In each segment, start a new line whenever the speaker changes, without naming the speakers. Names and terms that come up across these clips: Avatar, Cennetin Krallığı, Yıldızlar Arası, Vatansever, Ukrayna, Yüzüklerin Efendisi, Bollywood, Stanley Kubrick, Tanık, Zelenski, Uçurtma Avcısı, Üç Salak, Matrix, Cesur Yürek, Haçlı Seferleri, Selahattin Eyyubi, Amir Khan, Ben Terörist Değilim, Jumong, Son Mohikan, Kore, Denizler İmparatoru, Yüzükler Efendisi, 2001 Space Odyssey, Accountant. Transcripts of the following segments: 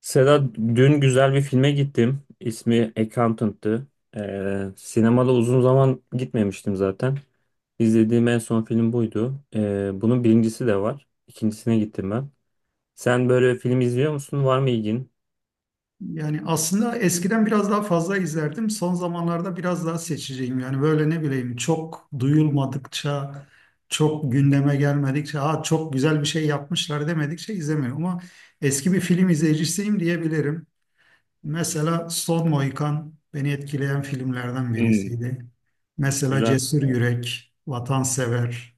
Seda dün güzel bir filme gittim. İsmi Accountant'tı. Sinemada uzun zaman gitmemiştim zaten. İzlediğim en son film buydu. Bunun birincisi de var. İkincisine gittim ben. Sen böyle film izliyor musun? Var mı ilgin?
Yani aslında eskiden biraz daha fazla izlerdim. Son zamanlarda biraz daha seçeceğim. Yani böyle ne bileyim, çok duyulmadıkça, çok gündeme gelmedikçe, ha çok güzel bir şey yapmışlar demedikçe izlemiyorum. Ama eski bir film izleyicisiyim diyebilirim. Mesela Son Mohikan beni etkileyen filmlerden
Hmm.
birisiydi. Mesela
Güzel.
Cesur
Evet.
Yürek, Vatansever,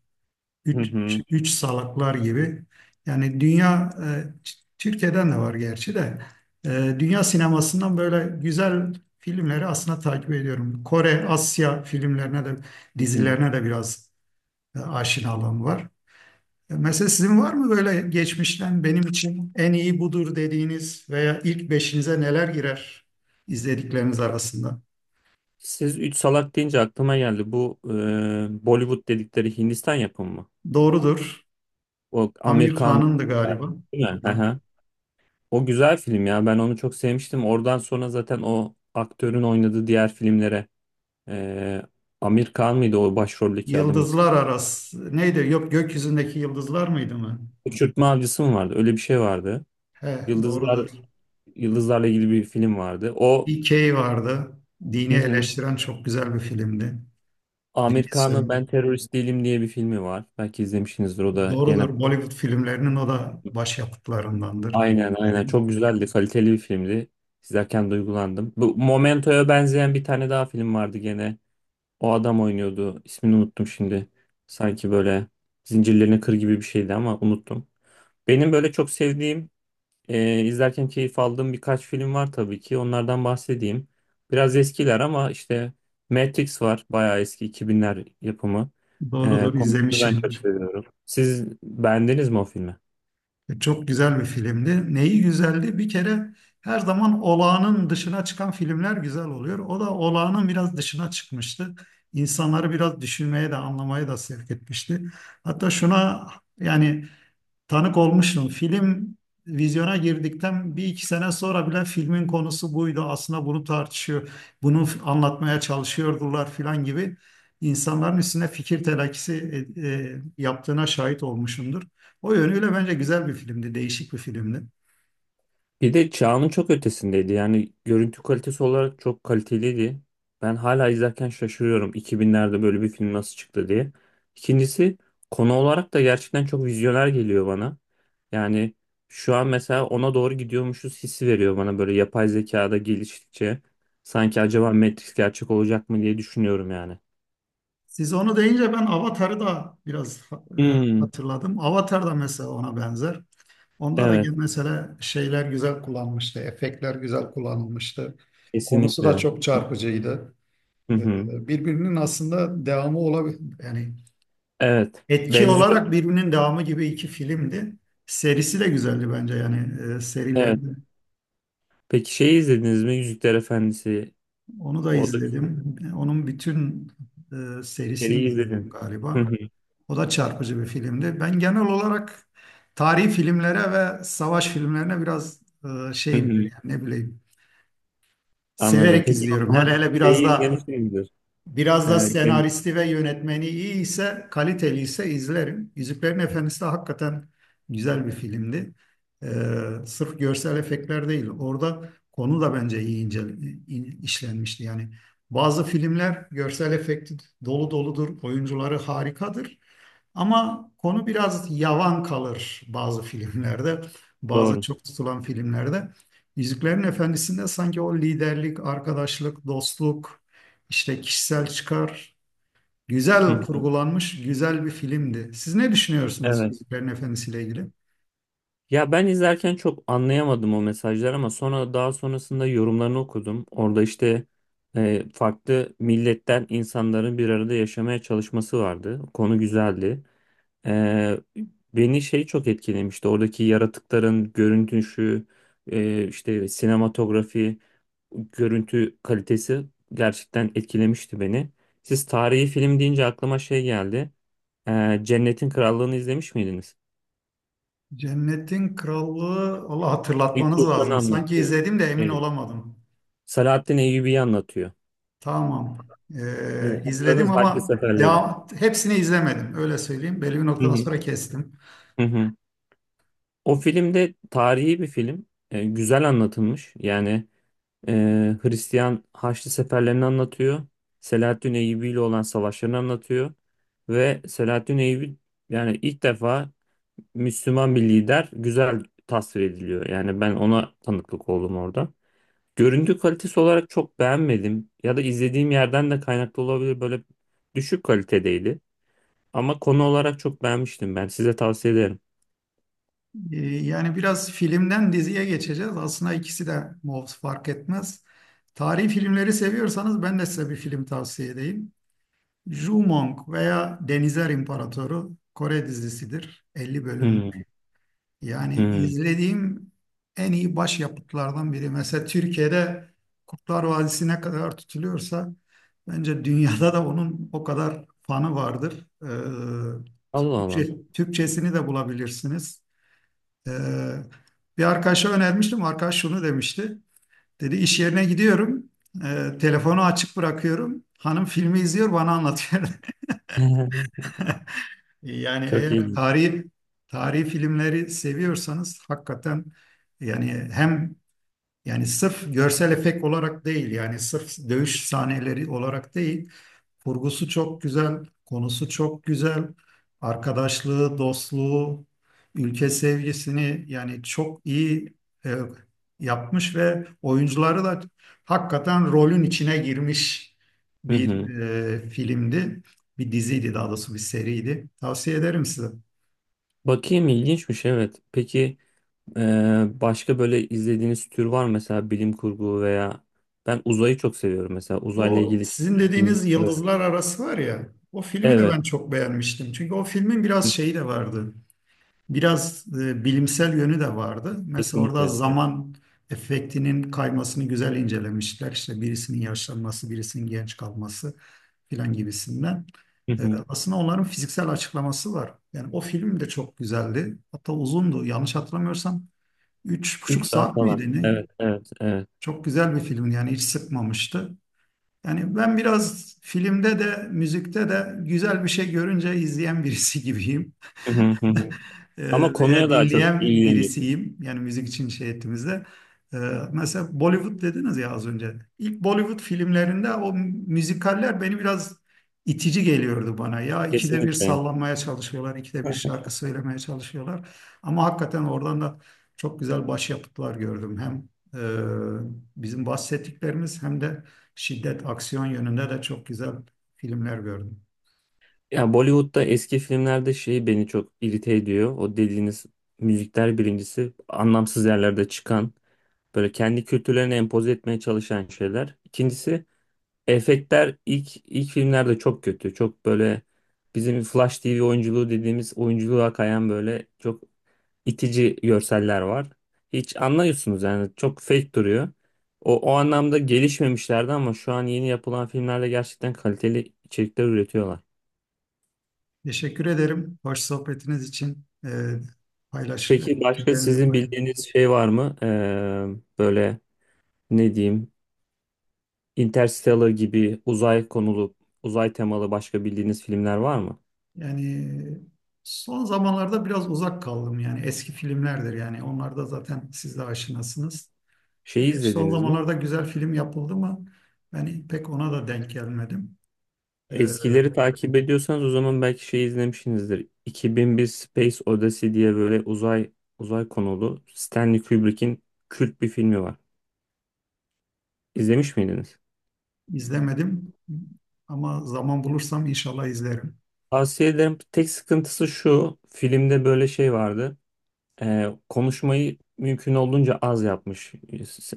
Hı
üç,
hı,
üç salaklar gibi. Yani dünya, Türkiye'den de var gerçi de, e, dünya sinemasından böyle güzel filmleri aslında takip ediyorum. Kore, Asya filmlerine de,
hı hı.
dizilerine de biraz aşinalığım var. Mesela sizin var mı böyle geçmişten benim için en iyi budur dediğiniz veya ilk beşinize neler girer izledikleriniz arasında?
Siz Üç Salak deyince aklıma geldi. Bu Bollywood dedikleri Hindistan yapımı mı?
Doğrudur.
O
Amir
Amerikan
Khan'ındı galiba.
değil
Tamam.
mi? O güzel film ya. Ben onu çok sevmiştim. Oradan sonra zaten o aktörün oynadığı diğer filmlere eee Amir Khan mıydı o başroldeki adamın ismi?
Yıldızlar arası. Neydi? Yok, gökyüzündeki yıldızlar mıydı mı?
Uçurtma Avcısı mı vardı? Öyle bir şey vardı.
He,
Yıldızlar,
doğrudur.
yıldızlarla ilgili bir film vardı. O,
Bir Key vardı. Dini
hı hı.
eleştiren çok güzel bir filmdi. Dini
Amir Khan'ın
söv-
Ben Terörist Değilim diye bir filmi var. Belki izlemişsinizdir. O da gene
Doğrudur. Bollywood filmlerinin o da başyapıtlarındandır
aynen, aynen,
dedim.
çok güzeldi. Kaliteli bir filmdi. İzlerken duygulandım. Bu Momento'ya benzeyen bir tane daha film vardı gene. O adam oynuyordu. İsmini unuttum şimdi. Sanki böyle zincirlerine kır gibi bir şeydi ama unuttum. Benim böyle çok sevdiğim, izlerken keyif aldığım birkaç film var tabii ki. Onlardan bahsedeyim. Biraz eskiler ama işte Matrix var. Bayağı eski 2000'ler yapımı.
Doğrudur,
Konusunu ben
izlemişim.
çok seviyorum. Siz beğendiniz mi o filmi?
Çok güzel bir filmdi. Neyi güzeldi? Bir kere her zaman olağanın dışına çıkan filmler güzel oluyor. O da olağanın biraz dışına çıkmıştı. İnsanları biraz düşünmeye de anlamaya da sevk etmişti. Hatta şuna, yani tanık olmuştum. Film vizyona girdikten bir iki sene sonra bile filmin konusu buydu. Aslında bunu tartışıyor, anlatmaya çalışıyordular filan gibi insanların üstüne fikir telakisi yaptığına şahit olmuşumdur. O yönüyle bence güzel bir filmdi, değişik bir filmdi.
Bir de çağının çok ötesindeydi. Yani görüntü kalitesi olarak çok kaliteliydi. Ben hala izlerken şaşırıyorum 2000'lerde böyle bir film nasıl çıktı diye. İkincisi, konu olarak da gerçekten çok vizyoner geliyor bana. Yani şu an mesela ona doğru gidiyormuşuz hissi veriyor bana böyle yapay zekada geliştikçe. Sanki acaba Matrix gerçek olacak mı diye düşünüyorum yani.
Siz onu deyince ben Avatar'ı da biraz
Hmm,
hatırladım. Avatar da mesela ona benzer. Onda da
evet,
gene mesela şeyler güzel kullanmıştı, efektler güzel kullanılmıştı. Konusu da
kesinlikle.
çok çarpıcıydı.
Hı hı.
Birbirinin aslında devamı olabilir. Yani
Evet,
etki
benziyor.
olarak birbirinin devamı gibi iki filmdi. Serisi de güzeldi bence, yani serileri.
Evet. Peki şeyi izlediniz mi? Yüzükler Efendisi.
Onu da
O da güzel.
izledim. Onun bütün serisini
Seriyi
izledim
izledim.
galiba.
Hı hı,
O da çarpıcı bir filmdi. Ben genel olarak tarihi filmlere ve savaş filmlerine biraz
hı
şeyimdir,
hı.
yani ne bileyim.
Anladım.
Severek
Peki o
izliyorum. Hele
zaman
hele biraz
şeyi
da
izlemişsinizdir.
biraz da
Ee, gen-
senaristi ve yönetmeni iyi ise, kaliteli ise izlerim. Yüzüklerin Efendisi de hakikaten güzel bir filmdi. Ee, Sırf görsel efektler değil, orada konu da bence iyi ince, işlenmişti. Yani bazı filmler görsel efekti dolu doludur, oyuncuları harikadır. Ama konu biraz yavan kalır bazı filmlerde, bazı
doğru.
çok tutulan filmlerde. Yüzüklerin Efendisi'nde sanki o liderlik, arkadaşlık, dostluk, işte kişisel çıkar,
Hı
güzel
hı.
kurgulanmış, güzel bir filmdi. Siz ne düşünüyorsunuz
Evet.
Yüzüklerin Efendisi ile ilgili?
Ya ben izlerken çok anlayamadım o mesajları ama sonra daha sonrasında yorumlarını okudum. Orada işte farklı milletten insanların bir arada yaşamaya çalışması vardı. Konu güzeldi. Ee, Beni şey çok etkilemişti. Oradaki yaratıkların görüntüsü, işte sinematografi, görüntü kalitesi gerçekten etkilemişti beni. Siz tarihi film deyince aklıma şey geldi. Cennetin Krallığı'nı izlemiş miydiniz?
Cennetin Krallığı, Allah
İlk
hatırlatmanız
Sultan'ı
lazım. Sanki
anlatıyor.
izledim de emin
Evet.
olamadım.
Selahattin Eyyubi'yi anlatıyor.
Tamam. İzledim
Hatırladınız Haçlı
ama
Seferleri.
devam, hepsini izlemedim. Öyle söyleyeyim. Belli bir
Hı
noktadan
hı.
sonra kestim.
Hı hı. O filmde tarihi bir film. Güzel anlatılmış. Yani e, Hristiyan Haçlı Seferlerini anlatıyor. Selahattin Eyyubi ile olan savaşlarını anlatıyor. Ve Selahattin Eyyubi, yani ilk defa Müslüman bir lider güzel tasvir ediliyor. Yani ben ona tanıklık oldum orada. Görüntü kalitesi olarak çok beğenmedim ya da izlediğim yerden de kaynaklı olabilir, böyle düşük kalitedeydi. Ama konu olarak çok beğenmiştim ben. Size tavsiye ederim.
Yani biraz filmden diziye geçeceğiz. Aslında ikisi de mov fark etmez. Tarihi filmleri seviyorsanız ben de size bir film tavsiye edeyim. Jumong veya Denizler İmparatoru Kore dizisidir. 50 bölümdür.
Hmm,
Yani
hmm.
izlediğim en iyi başyapıtlardan biri. Mesela Türkiye'de Kurtlar Vadisi ne kadar tutuluyorsa bence dünyada da onun o kadar fanı vardır.
Allah Allah.
Türkçe, Türkçesini de bulabilirsiniz. Ee, Bir arkadaşa önermiştim. Arkadaş şunu demişti. Dedi iş yerine gidiyorum. Telefonu açık bırakıyorum. Hanım filmi izliyor bana anlatıyor. Yani
Çok
eğer
iyi.
tarihi filmleri seviyorsanız hakikaten, yani hem, yani sırf görsel efekt olarak değil, yani sırf dövüş sahneleri olarak değil, kurgusu çok güzel, konusu çok güzel. Arkadaşlığı, dostluğu, ülke sevgisini yani çok iyi e, yapmış ve oyuncuları da hakikaten rolün içine girmiş
Hı
bir
hı.
filmdi. Bir diziydi, daha doğrusu bir seriydi. Tavsiye ederim size.
Bakayım, ilginçmiş, evet. Peki, başka böyle izlediğiniz tür var mı? Mesela bilim kurgu veya ben uzayı çok seviyorum, mesela uzayla
O
ilgili
sizin
çekilen filmler.
dediğiniz
Evet.
Yıldızlar Arası var ya, o filmi de
Evet.
ben çok beğenmiştim. Çünkü o filmin biraz
Hı,
şeyi de vardı. Biraz bilimsel yönü de vardı. Mesela
kesinlikle,
orada
evet.
zaman efektinin kaymasını güzel incelemişler. İşte birisinin yaşlanması, birisinin genç kalması filan gibisinden.
Hı hı.
Aslında onların fiziksel açıklaması var. Yani o film de çok güzeldi. Hatta uzundu. Yanlış hatırlamıyorsam üç buçuk
3 saat
saat
falan.
miydi ne?
Evet, evet, evet.
Çok güzel bir film yani, hiç sıkmamıştı. Yani ben biraz filmde de müzikte de güzel bir şey görünce izleyen birisi gibiyim.
Hı hı, hı hı. Ama konuya
Veya
daha çok
dinleyen
ilgileniyorsunuz.
birisiyim. Yani müzik için şey ettiğimizde. Eee, Mesela Bollywood dediniz ya az önce. İlk Bollywood filmlerinde o müzikaller beni biraz itici geliyordu bana. Ya ikide bir
Kesinlikle.
sallanmaya çalışıyorlar, ikide bir şarkı söylemeye çalışıyorlar. Ama hakikaten oradan da çok güzel başyapıtlar gördüm. Hem eee, bizim bahsettiklerimiz hem de şiddet, aksiyon yönünde de çok güzel filmler gördüm.
Ya Bollywood'da eski filmlerde şey beni çok irite ediyor. O dediğiniz müzikler, birincisi anlamsız yerlerde çıkan böyle kendi kültürlerini empoze etmeye çalışan şeyler. İkincisi efektler ilk filmlerde çok kötü. Çok böyle bizim Flash TV oyunculuğu dediğimiz oyunculuğa kayan böyle çok itici görseller var. Hiç anlıyorsunuz yani, çok fake duruyor. O anlamda gelişmemişlerdi ama şu an yeni yapılan filmlerde gerçekten kaliteli içerikler üretiyorlar.
Teşekkür ederim. Hoş sohbetiniz için paylaş
Peki başka
fikirlerinizi
sizin
paylaş.
bildiğiniz şey var mı? Böyle, ne diyeyim, Interstellar gibi uzay konulu, uzay temalı başka bildiğiniz filmler var mı?
Yani son zamanlarda biraz uzak kaldım, yani eski filmlerdir, yani onlar da zaten siz de aşinasınız.
Şeyi
Eğer son
izlediniz mi?
zamanlarda güzel film yapıldı mı? Ben pek ona da denk gelmedim. E,
Eskileri takip ediyorsanız o zaman belki şey izlemişsinizdir. 2001 Space Odyssey diye böyle uzay konulu Stanley Kubrick'in kült bir filmi var. İzlemiş miydiniz?
izlemedim ama zaman bulursam inşallah izlerim.
Tavsiye ederim. Tek sıkıntısı şu. Filmde böyle şey vardı. Konuşmayı mümkün olduğunca az yapmış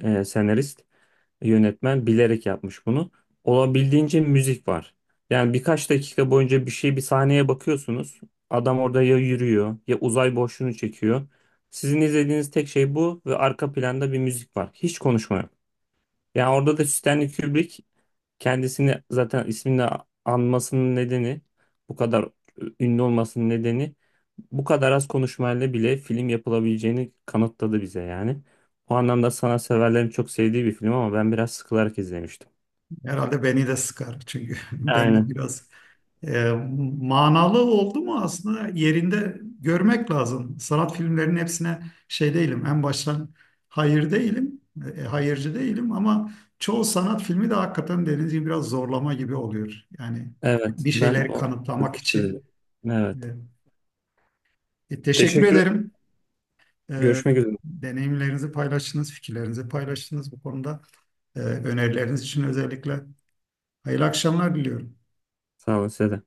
senarist, yönetmen bilerek yapmış bunu. Olabildiğince müzik var. Yani birkaç dakika boyunca bir şey, bir sahneye bakıyorsunuz. Adam orada ya yürüyor ya uzay boşluğunu çekiyor. Sizin izlediğiniz tek şey bu ve arka planda bir müzik var. Hiç konuşma yok. Yani orada da Stanley Kubrick kendisini, zaten ismini anmasının nedeni, bu kadar ünlü olmasının nedeni, bu kadar az konuşmayla bile film yapılabileceğini kanıtladı bize yani. O anlamda sanatseverlerin çok sevdiği bir film ama ben biraz sıkılarak izlemiştim.
Herhalde beni de sıkar çünkü ben de
Aynen.
biraz E, manalı oldu mu, aslında yerinde görmek lazım. Sanat filmlerinin hepsine şey değilim. En baştan hayır değilim, hayırcı değilim ama çoğu sanat filmi de hakikaten dediğiniz gibi biraz zorlama gibi oluyor. Yani
Evet.
bir
Ben
şeyleri
o
kanıtlamak için.
sıkmıştı beni.
E,
Evet.
teşekkür
Teşekkür ederim.
ederim. E,
Görüşmek üzere.
Deneyimlerinizi paylaştınız, fikirlerinizi paylaştınız bu konuda. Önerileriniz için özellikle hayırlı akşamlar diliyorum.
Sağ olun, size de.